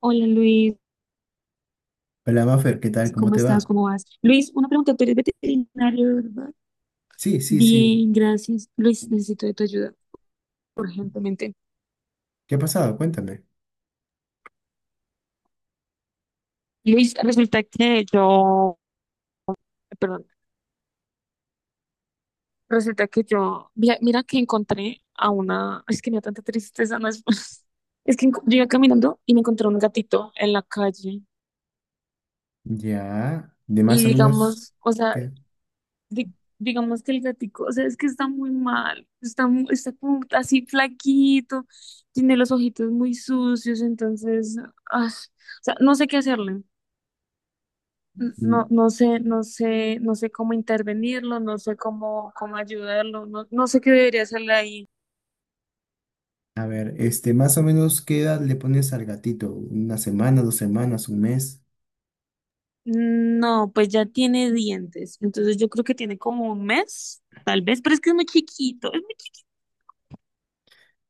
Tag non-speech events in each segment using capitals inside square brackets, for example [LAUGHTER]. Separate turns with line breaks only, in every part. Hola, Luis,
Hola, Maffer, ¿qué tal? ¿Cómo
¿cómo
te
estás?
va?
¿Cómo vas? Luis, una pregunta, tú eres veterinario, ¿verdad?
Sí, sí, sí.
Bien, gracias. Luis, necesito de tu ayuda urgentemente.
¿Qué ha pasado? Cuéntame.
Luis, resulta que yo, perdón, resulta que yo, mira, mira que encontré a una, es que me da tanta tristeza, no es, [LAUGHS] yo iba caminando y me encontré un gatito en la calle
Ya, de
y
más o menos,
digamos, o sea,
¿qué?
di- digamos que el gatico, o sea, es que está muy mal, está, está como así flaquito, tiene los ojitos muy sucios, entonces, o sea, no sé qué hacerle, no,
Mm.
no sé, no sé, no sé cómo intervenirlo, no sé cómo, cómo ayudarlo, no, no sé qué debería hacerle ahí.
A ver, más o menos, ¿qué edad le pones al gatito? ¿Una semana, dos semanas, un mes?
No, pues ya tiene dientes, entonces yo creo que tiene como un mes, tal vez, pero es que es muy chiquito, es muy chiquito.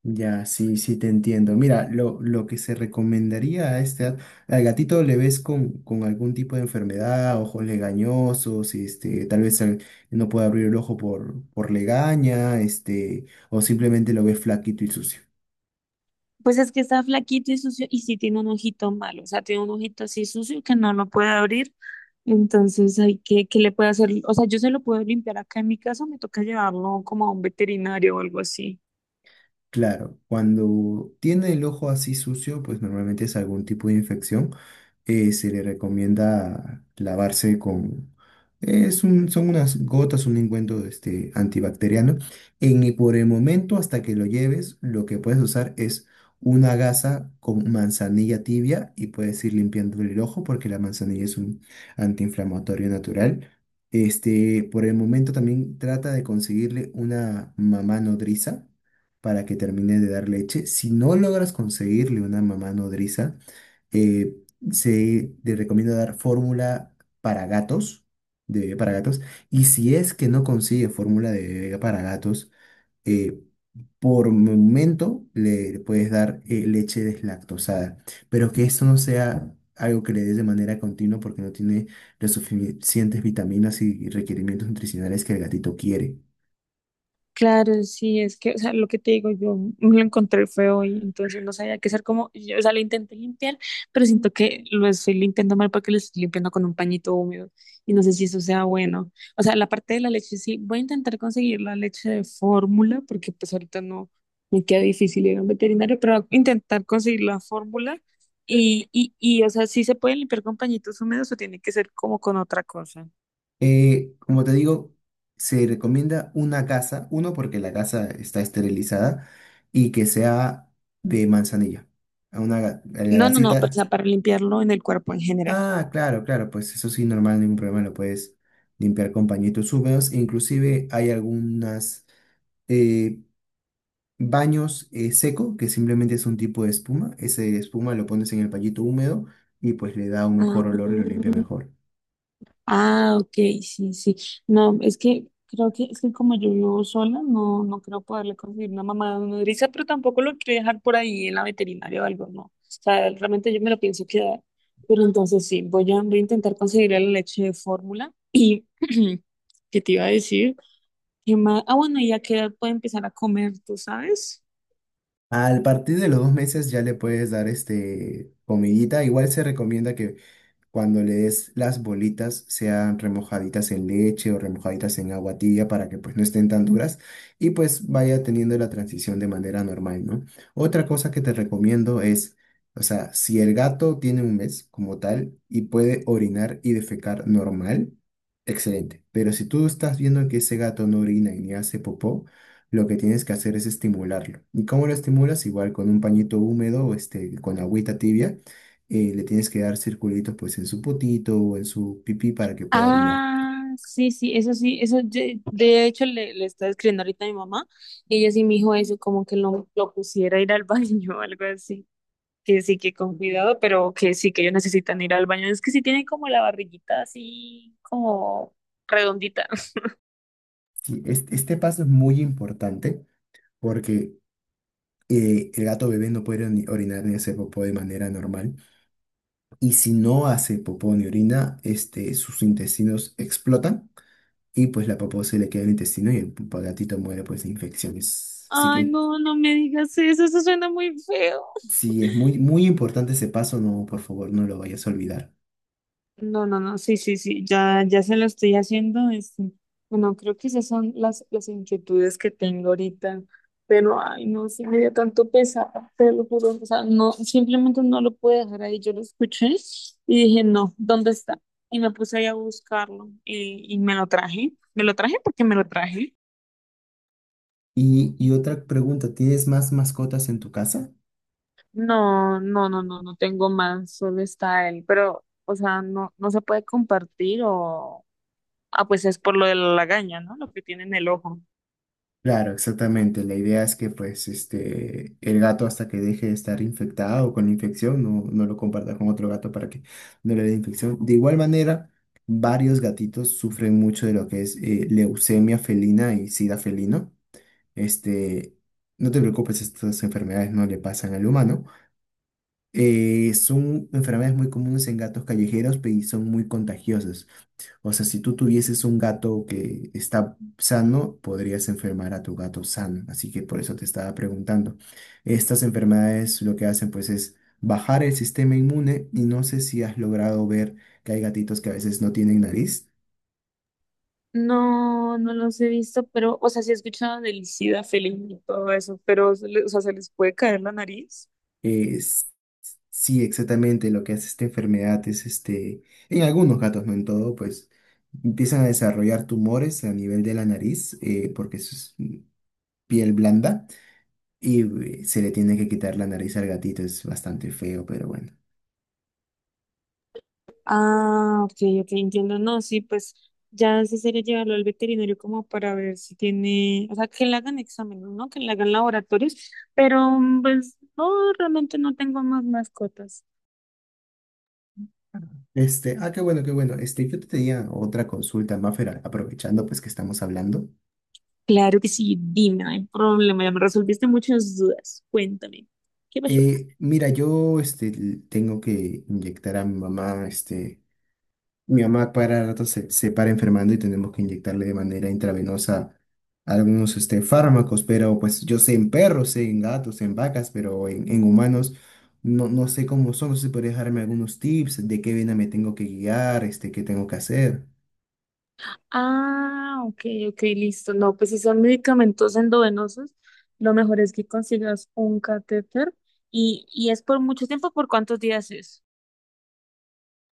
Ya, sí, sí te entiendo. Mira, lo que se recomendaría a al gatito le ves con algún tipo de enfermedad, ojos legañosos, tal vez no puede abrir el ojo por legaña, este, o simplemente lo ves flaquito y sucio.
Pues es que está flaquito y sucio y sí tiene un ojito malo, o sea, tiene un ojito así sucio que no lo puede abrir, entonces hay que, ¿qué le puede hacer? O sea, yo se lo puedo limpiar acá en mi casa, me toca llevarlo como a un veterinario o algo así.
Claro, cuando tiene el ojo así sucio, pues normalmente es algún tipo de infección. Se le recomienda lavarse con... Son unas gotas, un engüento este, antibacteriano. Y por el momento, hasta que lo lleves, lo que puedes usar es una gasa con manzanilla tibia y puedes ir limpiando el ojo porque la manzanilla es un antiinflamatorio natural. Este, por el momento también trata de conseguirle una mamá nodriza para que termine de dar leche. Si no logras conseguirle una mamá nodriza, eh, se le recomienda dar fórmula para gatos, de bebé para gatos. Y si es que no consigue fórmula de bebé para gatos, eh, por momento le puedes dar leche deslactosada. Pero que esto no sea algo que le des de manera continua porque no tiene las suficientes vitaminas y requerimientos nutricionales que el gatito quiere.
Claro, sí, es que, o sea, lo que te digo, yo me lo encontré feo y entonces no sabía qué hacer como, yo, o sea, lo intenté limpiar, pero siento que lo estoy limpiando mal porque lo estoy limpiando con un pañito húmedo y no sé si eso sea bueno. O sea, la parte de la leche sí, voy a intentar conseguir la leche de fórmula porque pues ahorita no me queda difícil ir a un veterinario, pero voy a intentar conseguir la fórmula y, o sea, sí se puede limpiar con pañitos húmedos o tiene que ser como con otra cosa.
Como te digo, se recomienda una casa, uno porque la casa está esterilizada y que sea de manzanilla. A a la
No, no, no, o
gasita.
sea, para limpiarlo en el cuerpo en general.
Ah, claro, claro, pues eso sí, normal, ningún problema, lo puedes limpiar con pañitos húmedos. Inclusive hay algunas eh, baños seco, que simplemente es un tipo de espuma. Ese espuma lo pones en el pañito húmedo y pues le da un
Ah,
mejor olor y lo limpia mejor.
ah, ok, sí, sí. No, es que creo que es que como yo vivo sola, no, no creo poderle conseguir una mamá nodriza, pero tampoco lo quiero dejar por ahí en la veterinaria o algo, no. O sea, realmente yo me lo pienso quedar. Pero entonces sí, voy a intentar conseguir la leche de fórmula. Y [CLEARS THROAT] ¿qué te iba a decir? ¿Qué más? Ah, bueno, ya que puede empezar a comer, ¿tú sabes?
Al partir de los dos meses ya le puedes dar este comidita. Igual se recomienda que cuando le des las bolitas sean remojaditas en leche o remojaditas en agua tibia para que pues no estén tan duras y pues vaya teniendo la transición de manera normal, ¿no? Otra cosa que te recomiendo es, o sea, si el gato tiene un mes como tal y puede orinar y defecar normal, excelente. Pero si tú estás viendo que ese gato no orina y ni hace popó, lo que tienes que hacer es estimularlo. ¿Y cómo lo estimulas? Igual con un pañito húmedo, este, con agüita tibia le tienes que dar circulitos pues en su potito o en su pipí para que pueda orinar.
Ah, sí, sí, eso de hecho le estaba escribiendo ahorita a mi mamá y ella sí me dijo eso, como que lo pusiera a ir al [LAUGHS] baño o algo así, que sí, que con cuidado, pero que sí, que ellos necesitan ir al baño, es que sí tienen como la barriguita así como redondita. [LAUGHS]
Sí, este paso es muy importante porque el gato bebé no puede orinar ni hacer popó de manera normal y si no hace popó ni orina, este, sus intestinos explotan y pues la popó se le queda en el intestino y el gatito muere pues de infecciones. Así
Ay,
que
no, no me digas eso, eso suena muy feo.
sí, es muy, muy importante ese paso, no, por favor, no lo vayas a olvidar.
No, no, no, sí, sí, sí, ya, ya se lo estoy haciendo. Este, bueno, creo que esas son las inquietudes que tengo ahorita, pero ay, no, sí me dio tanto pesar, te lo juro. O sea, no, simplemente no lo pude dejar ahí. Yo lo escuché y dije, no, ¿dónde está? Y me puse ahí a buscarlo y me lo traje. Me lo traje porque me lo traje.
Y otra pregunta, ¿tienes más mascotas en tu casa?
No, no, no, no, no tengo más, solo está él, pero, o sea, no, no se puede compartir o, ah, pues es por lo de la lagaña, ¿no? Lo que tiene en el ojo.
Claro, exactamente. La idea es que pues este el gato hasta que deje de estar infectado o con la infección no, no lo comparta con otro gato para que no le dé infección. De igual manera, varios gatitos sufren mucho de lo que es leucemia felina y sida felino. Este, no te preocupes, estas enfermedades no le pasan al humano. Son enfermedades muy comunes en gatos callejeros y son muy contagiosas. O sea, si tú tuvieses un gato que está sano, podrías enfermar a tu gato sano. Así que por eso te estaba preguntando. Estas enfermedades lo que hacen pues es bajar el sistema inmune y no sé si has logrado ver que hay gatitos que a veces no tienen nariz.
No, no los he visto, pero, o sea, sí he escuchado del ISIDA feliz y todo eso, pero, o sea, se les puede caer la nariz.
Es- sí, exactamente lo que hace esta enfermedad es este, en algunos gatos, no en todo, pues empiezan a desarrollar tumores a nivel de la nariz porque es piel blanda. Y se le tiene que quitar la nariz al gatito, es bastante feo, pero bueno.
Ah, ok, ok, entiendo. No, sí, pues ya sí sería llevarlo al veterinario como para ver si tiene, o sea, que le hagan exámenes, ¿no? Que le hagan laboratorios, pero mm, pues no, realmente no tengo más mascotas.
Este, ah, qué bueno, qué bueno. Este, yo te tenía otra consulta, Maffer, aprovechando pues que estamos hablando.
Claro que sí, dime, no hay problema, ya me resolviste muchas dudas. Cuéntame, ¿qué pasó?
Mira, yo este, tengo que inyectar a mi mamá este, mi mamá para rato se para enfermando y tenemos que inyectarle de manera intravenosa algunos este, fármacos, pero pues yo sé en perros, sé en gatos, en vacas, pero en humanos no, no sé cómo son, no sé si podría dejarme algunos tips de qué vena me tengo que guiar, este, qué tengo que hacer.
Ah, ok, ok, listo. No, pues si son medicamentos endovenosos, lo mejor es que consigas un catéter y es por mucho tiempo, ¿por cuántos días es?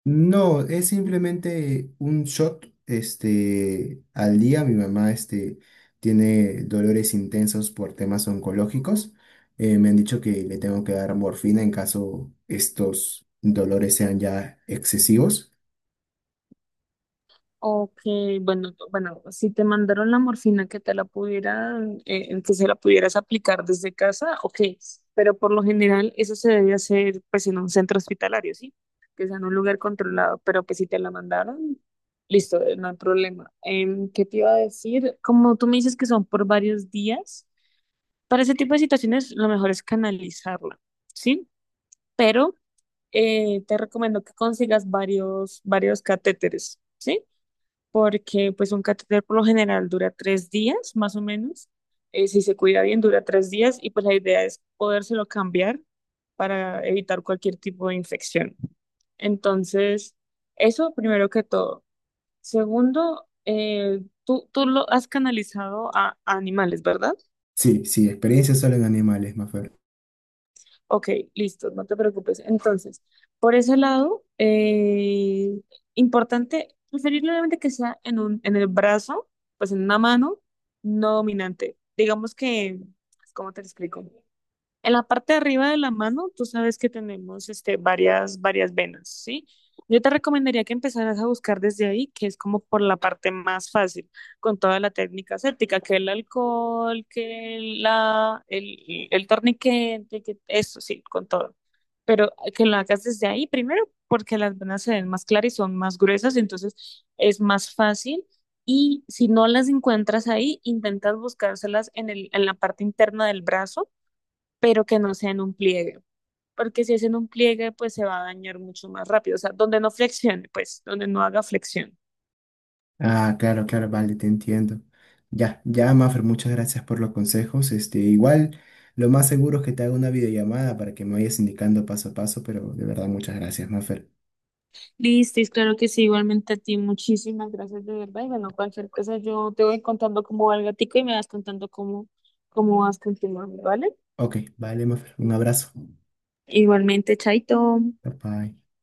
No, es simplemente un shot, este, al día. Mi mamá, este, tiene dolores intensos por temas oncológicos. Me han dicho que le tengo que dar morfina en caso estos dolores sean ya excesivos.
Ok, bueno, bueno, si te mandaron la morfina que te la pudieran, en que se la pudieras aplicar desde casa, ok, pero por lo general eso se debe hacer pues en un centro hospitalario, ¿sí? Que sea en un lugar controlado, pero pues si te la mandaron, listo, no hay problema. Em, ¿qué te iba a decir? Como tú me dices que son por varios días, para ese tipo de situaciones lo mejor es canalizarla, ¿sí? Pero te recomiendo que consigas varios catéteres. ¿Sí? Porque pues un catéter por lo general dura tres días, más o menos. Si se cuida bien, dura tres días y pues la idea es podérselo cambiar para evitar cualquier tipo de infección. Entonces, eso primero que todo. Segundo, tú lo has canalizado a animales, ¿verdad?
Sí, sí, experiencia solo en animales, Mafer.
Ok, listo, no te preocupes. Entonces, por ese lado, importante, preferiblemente que sea en en el brazo, pues en una mano no dominante. Digamos que, ¿cómo te lo explico? En la parte de arriba de la mano, tú sabes que tenemos este, varias venas, ¿sí? Yo te recomendaría que empezaras a buscar desde ahí, que es como por la parte más fácil, con toda la técnica aséptica, que el alcohol, que la, el torniquete, que eso, sí, con todo. Pero que lo hagas desde ahí primero, porque las venas se ven más claras y son más gruesas, entonces es más fácil. Y si no las encuentras ahí, intentas buscárselas en el, en la parte interna del brazo, pero que no sea en un pliegue, porque si es en un pliegue, pues se va a dañar mucho más rápido, o sea, donde no flexione, pues, donde no haga flexión.
Ah, claro, claro, vale, te entiendo. Ya, ya, Mafer, muchas gracias por los consejos. Este, igual, lo más seguro es que te haga una videollamada para que me vayas indicando paso a paso, pero de verdad, muchas gracias, Mafer.
Listo, es claro que sí, igualmente a ti, muchísimas gracias de verdad, y bueno, cualquier cosa yo te voy contando cómo va el gatico y me vas contando cómo, cómo vas continuando, ¿vale?
Ok, vale, Mafer, un abrazo.
Igualmente, Chaito.
Bye bye.